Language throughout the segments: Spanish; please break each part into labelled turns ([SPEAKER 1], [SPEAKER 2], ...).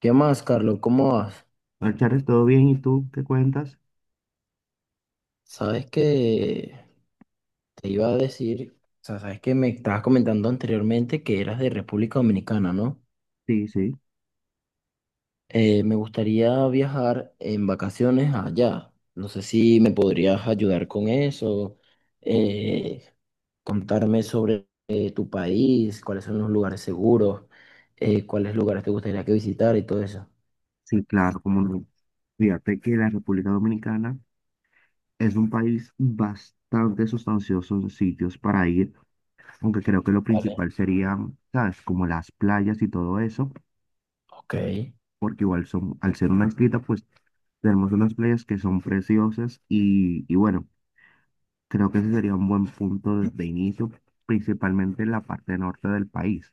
[SPEAKER 1] ¿Qué más, Carlos? ¿Cómo vas?
[SPEAKER 2] Hola, Charles, ¿todo bien? ¿Y tú qué cuentas?
[SPEAKER 1] Sabes que te iba a decir, o sea, sabes que me estabas comentando anteriormente que eras de República Dominicana, ¿no?
[SPEAKER 2] Sí, sí,
[SPEAKER 1] Me gustaría viajar en vacaciones allá. No sé si me podrías ayudar con eso, eh, contarme sobre tu país, cuáles son los lugares seguros, cuáles lugares te gustaría que visitar y todo eso.
[SPEAKER 2] sí, claro, como no. Fíjate que la República Dominicana es un país bastante sustancioso en sitios para ir, aunque creo que lo
[SPEAKER 1] Vale,
[SPEAKER 2] principal serían, ¿sabes? Como las playas y todo eso,
[SPEAKER 1] ok,
[SPEAKER 2] porque igual son, al ser una islita, pues tenemos unas playas que son preciosas y bueno, creo que ese sería un buen punto de inicio, principalmente en la parte norte del país,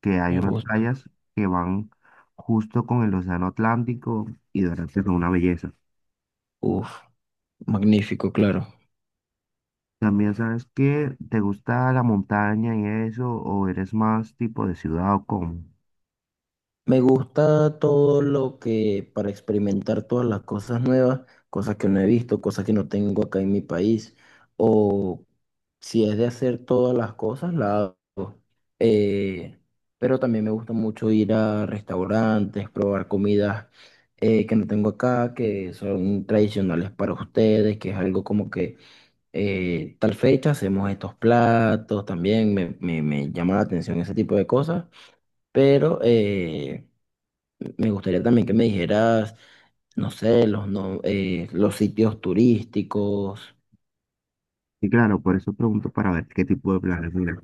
[SPEAKER 2] que hay
[SPEAKER 1] me
[SPEAKER 2] unas
[SPEAKER 1] gusta.
[SPEAKER 2] playas que van justo con el océano Atlántico y de verdad que son una belleza.
[SPEAKER 1] Uf, magnífico, claro.
[SPEAKER 2] También sabes que te gusta la montaña y eso, ¿o eres más tipo de ciudad o cómo?
[SPEAKER 1] Me gusta todo lo que para experimentar todas las cosas nuevas, cosas que no he visto, cosas que no tengo acá en mi país, o si es de hacer todas las cosas, la hago. Eh, pero también me gusta mucho ir a restaurantes, probar comidas que no tengo acá, que son tradicionales para ustedes, que es algo como que tal fecha hacemos estos platos, también me llama la atención ese tipo de cosas, pero... me gustaría también que me dijeras, no sé, los, no, los sitios turísticos.
[SPEAKER 2] Y claro, por eso pregunto para ver qué tipo de planes. Mira,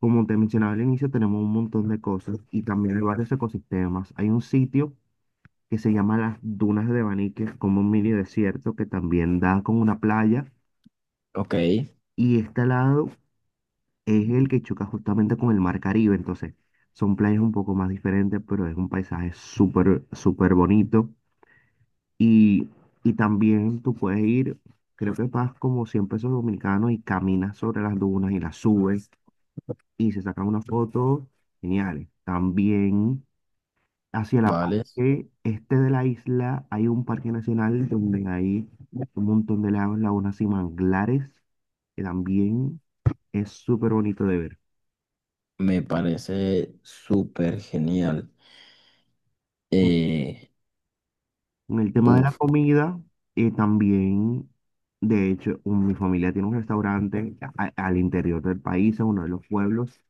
[SPEAKER 2] como te mencionaba al inicio, tenemos un montón de cosas y también hay varios ecosistemas. Hay un sitio que se llama las Dunas de Banique, como un mini desierto que también da con una playa
[SPEAKER 1] Ok,
[SPEAKER 2] y está al lado, es el que choca justamente con el Mar Caribe, entonces son playas un poco más diferentes, pero es un paisaje súper, súper bonito. Y, y también tú puedes ir, creo que pagas como 100 pesos dominicanos y caminas sobre las dunas y las subes y se sacan unas fotos geniales. También hacia la
[SPEAKER 1] vale.
[SPEAKER 2] parte este de la isla hay un parque nacional donde hay un montón de lagos, lagunas y manglares, que también es súper bonito de ver.
[SPEAKER 1] Me parece súper genial. Eh,
[SPEAKER 2] En el tema de la
[SPEAKER 1] uf,
[SPEAKER 2] comida, también, de hecho, mi familia tiene un restaurante al interior del país, en uno de los pueblos,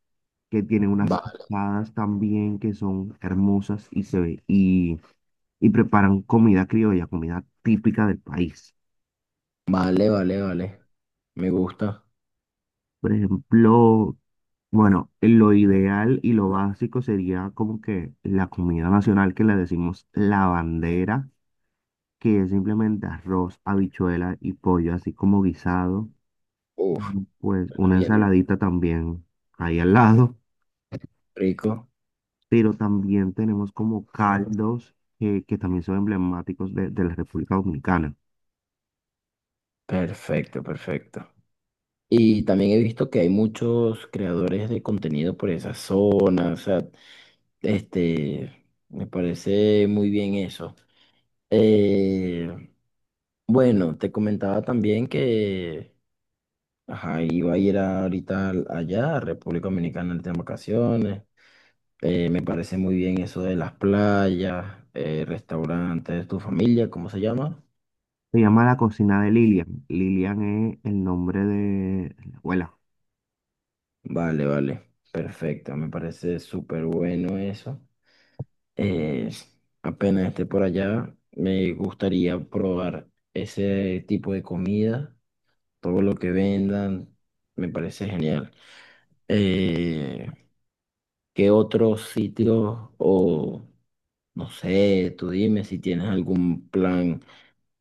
[SPEAKER 2] que tiene unas
[SPEAKER 1] vale,
[SPEAKER 2] asadas también que son hermosas y se ve, y preparan comida criolla, comida típica del país.
[SPEAKER 1] vale, vale, vale. Me gusta.
[SPEAKER 2] Por ejemplo, bueno, lo ideal y lo básico sería como que la comida nacional que le decimos la bandera, que es simplemente arroz, habichuela y pollo, así como guisado.
[SPEAKER 1] Uf,
[SPEAKER 2] Bueno, pues
[SPEAKER 1] suena
[SPEAKER 2] una
[SPEAKER 1] bien.
[SPEAKER 2] ensaladita también ahí al lado,
[SPEAKER 1] Rico.
[SPEAKER 2] pero también tenemos como caldos que también son emblemáticos de la República Dominicana.
[SPEAKER 1] Perfecto, perfecto. Y también he visto que hay muchos creadores de contenido por esa zona. O sea, este, me parece muy bien eso. Eh, Bueno, te comentaba también que ajá, iba a ir ahorita allá, a República Dominicana, ahorita en vacaciones. Me parece muy bien eso de las playas, restaurantes, tu familia, ¿cómo se llama?
[SPEAKER 2] Se llama la cocina de Lilian. Lilian es el nombre de la abuela.
[SPEAKER 1] Vale, vale, perfecto, me parece súper bueno eso. Eh, Apenas esté por allá, me gustaría probar ese tipo de comida, todo lo que vendan, me parece genial. Eh, ¿Qué otros sitios o no sé, tú dime si tienes algún plan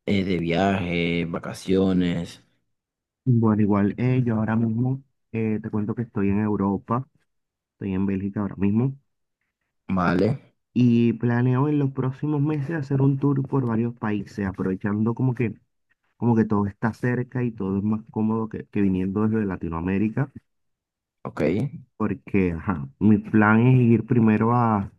[SPEAKER 1] de viaje, vacaciones,
[SPEAKER 2] Bueno, igual yo ahora mismo te cuento que estoy en Europa, estoy en Bélgica ahora mismo,
[SPEAKER 1] ¿vale?
[SPEAKER 2] y planeo en los próximos meses hacer un tour por varios países, aprovechando como que todo está cerca y todo es más cómodo que viniendo desde Latinoamérica.
[SPEAKER 1] Ok,
[SPEAKER 2] Porque ajá, mi plan es ir primero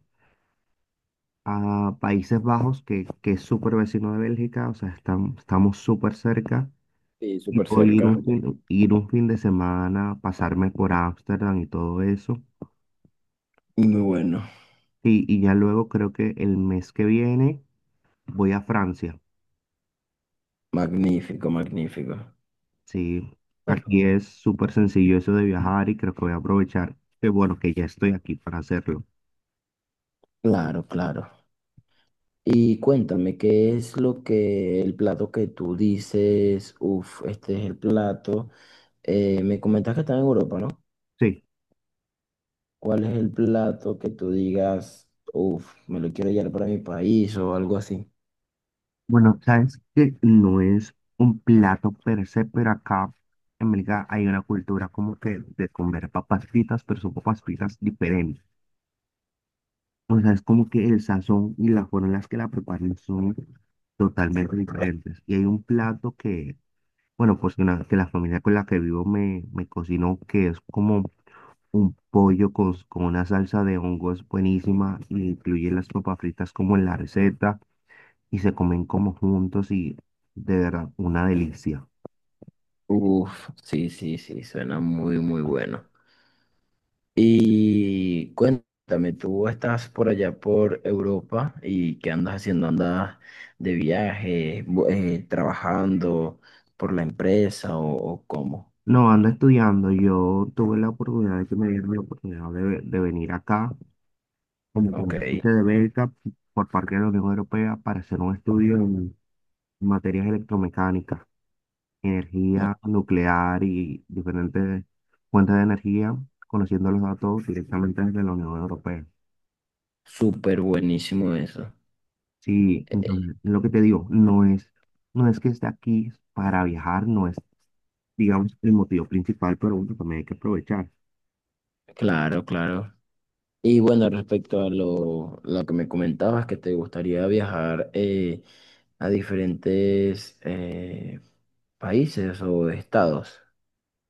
[SPEAKER 2] a Países Bajos, que es súper vecino de Bélgica, o sea, estamos súper cerca,
[SPEAKER 1] sí,
[SPEAKER 2] y
[SPEAKER 1] súper
[SPEAKER 2] puedo ir
[SPEAKER 1] cerca.
[SPEAKER 2] un fin de semana, pasarme por Ámsterdam y todo eso,
[SPEAKER 1] Muy bueno,
[SPEAKER 2] y ya luego creo que el mes que viene voy a Francia.
[SPEAKER 1] magnífico, magnífico.
[SPEAKER 2] Sí,
[SPEAKER 1] Bueno,
[SPEAKER 2] aquí es súper sencillo eso de viajar y creo que voy a aprovechar, que bueno, que ya estoy aquí para hacerlo,
[SPEAKER 1] claro, claro. Y cuéntame, ¿qué es lo que, el plato que tú dices, uff, este es el plato? Me comentas que está en Europa, ¿no?
[SPEAKER 2] sí.
[SPEAKER 1] ¿Cuál es el plato que tú digas, uff, me lo quiero llevar para mi país o algo así?
[SPEAKER 2] Bueno, sabes que no es un plato per se, pero acá en Bélgica hay una cultura como que de comer papas fritas, pero son papas fritas diferentes. O sea, es como que el sazón y la forma en las que la preparan son totalmente diferentes. Y hay un plato que, bueno, pues que la familia con la que vivo me, me cocinó, que es como un pollo con una salsa de hongos buenísima y incluye las papas fritas como en la receta y se comen como juntos y, de verdad, una delicia.
[SPEAKER 1] Sí, sí, sí, suena muy, muy bueno. Y cuéntame, tú estás por allá por Europa y qué andas haciendo, andas de viaje, trabajando por la empresa o cómo.
[SPEAKER 2] No, ando estudiando, yo tuve la oportunidad de que me dieron la oportunidad de venir acá como
[SPEAKER 1] Ok,
[SPEAKER 2] contratante de beca por parte de la Unión Europea para hacer un estudio en materias electromecánicas,
[SPEAKER 1] ma-
[SPEAKER 2] energía nuclear y diferentes fuentes de energía, conociendo los datos directamente desde la Unión Europea.
[SPEAKER 1] súper buenísimo eso.
[SPEAKER 2] Sí,
[SPEAKER 1] Eh,
[SPEAKER 2] entonces, lo que te digo, no es, que esté aquí para viajar, no es, digamos, el motivo principal, pero bueno, también hay que aprovechar.
[SPEAKER 1] claro, claro. Y bueno, respecto a lo que me comentabas, que te gustaría viajar a diferentes países o estados.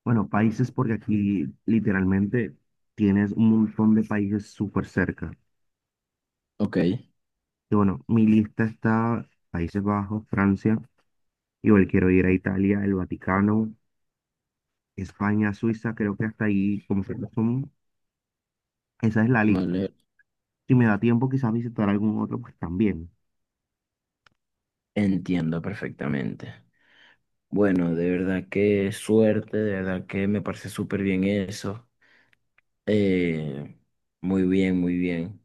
[SPEAKER 2] Bueno, países porque aquí literalmente tienes un montón de países súper cerca.
[SPEAKER 1] Ok,
[SPEAKER 2] Y bueno, mi lista está Países Bajos, Francia, igual quiero ir a Italia, el Vaticano, España, Suiza, creo que hasta ahí como que no son, esa es la lista.
[SPEAKER 1] vale,
[SPEAKER 2] Si me da tiempo, quizás visitar algún otro, pues también.
[SPEAKER 1] entiendo perfectamente. Bueno, de verdad que suerte, de verdad que me parece súper bien eso. Eh, muy bien, muy bien.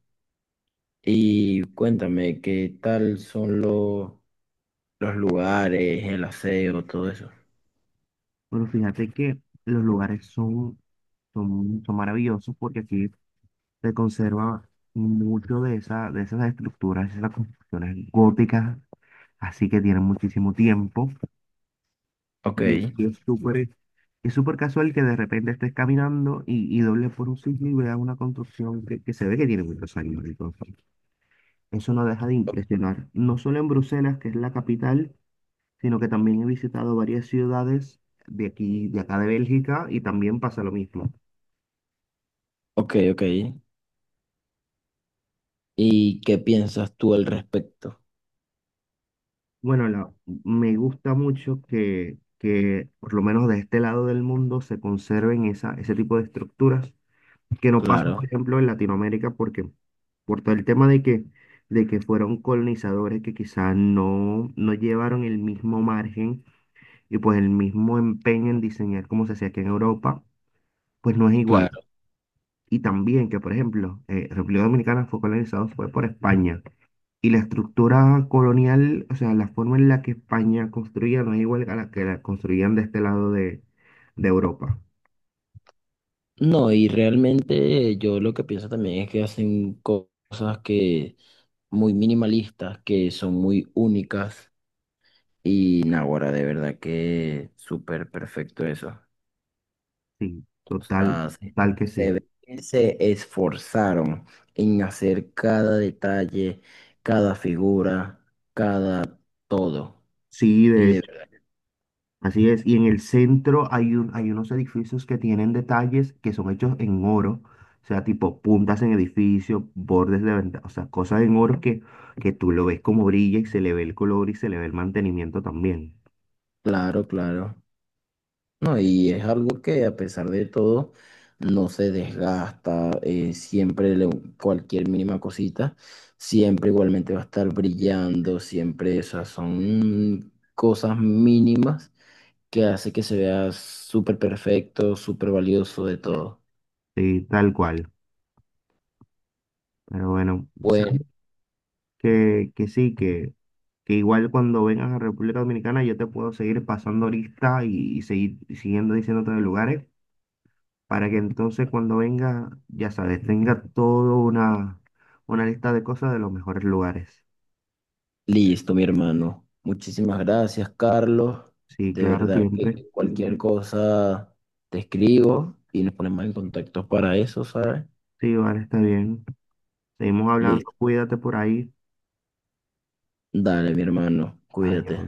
[SPEAKER 1] Y cuéntame, ¿qué tal son los lugares, el aseo, todo eso?
[SPEAKER 2] Pero fíjate que los lugares son, son, son maravillosos porque aquí se conserva mucho de esa, de esas estructuras, esas construcciones góticas, así que tienen muchísimo tiempo,
[SPEAKER 1] Ok,
[SPEAKER 2] y es, y es súper, es súper casual que de repente estés caminando y dobles por un sitio y veas una construcción que se ve que tiene muchos años. Entonces, eso no deja de impresionar, no solo en Bruselas, que es la capital, sino que también he visitado varias ciudades de aquí, de acá de Bélgica, y también pasa lo mismo.
[SPEAKER 1] ok, ok. ¿Y qué piensas tú al respecto?
[SPEAKER 2] Bueno, la- Me gusta mucho que, por lo menos de este lado del mundo, se conserven esa, ese tipo de estructuras, que no pasa,
[SPEAKER 1] Claro,
[SPEAKER 2] por ejemplo, en Latinoamérica, porque por todo el tema de que fueron colonizadores que quizás no, no llevaron el mismo margen y pues el mismo empeño en diseñar como se hacía aquí en Europa, pues no es igual.
[SPEAKER 1] claro.
[SPEAKER 2] Y también que, por ejemplo, República Dominicana fue colonizado fue por España. Y la estructura colonial, o sea, la forma en la que España construía no es igual a la que la construían de este lado de Europa.
[SPEAKER 1] No, y realmente yo lo que pienso también es que hacen cosas que... muy minimalistas, que son muy únicas. Y Naguará, de verdad que súper perfecto eso.
[SPEAKER 2] Sí,
[SPEAKER 1] O
[SPEAKER 2] total,
[SPEAKER 1] sea,
[SPEAKER 2] total que
[SPEAKER 1] se
[SPEAKER 2] sí.
[SPEAKER 1] ve que se esforzaron en hacer cada detalle, cada figura, cada todo.
[SPEAKER 2] Sí,
[SPEAKER 1] Y
[SPEAKER 2] de
[SPEAKER 1] de
[SPEAKER 2] hecho,
[SPEAKER 1] verdad,
[SPEAKER 2] así es. Y en el centro hay unos edificios que tienen detalles que son hechos en oro, o sea, tipo puntas en edificios, bordes de ventanas, o sea, cosas en oro que tú lo ves como brilla y se le ve el color y se le ve el mantenimiento también.
[SPEAKER 1] claro, claro. No, y es algo que a pesar de todo no se desgasta, siempre cualquier mínima cosita, siempre igualmente va a estar brillando, siempre esas son cosas mínimas que hace que se vea súper perfecto, súper valioso de todo.
[SPEAKER 2] Sí, tal cual. Pero bueno,
[SPEAKER 1] Bueno,
[SPEAKER 2] o que sí, que igual cuando vengas a República Dominicana yo te puedo seguir pasando lista y seguir siguiendo diciéndote de lugares para que entonces cuando venga, ya sabes, tenga toda una lista de cosas de los mejores lugares.
[SPEAKER 1] listo, mi hermano. Muchísimas gracias, Carlos.
[SPEAKER 2] Sí,
[SPEAKER 1] De
[SPEAKER 2] claro,
[SPEAKER 1] verdad
[SPEAKER 2] siempre.
[SPEAKER 1] que cualquier cosa te escribo y nos ponemos en contacto para eso, ¿sabes?
[SPEAKER 2] Sí, vale, está bien. Seguimos hablando,
[SPEAKER 1] Listo.
[SPEAKER 2] cuídate por ahí.
[SPEAKER 1] Dale, mi hermano,
[SPEAKER 2] Adiós.
[SPEAKER 1] cuídate.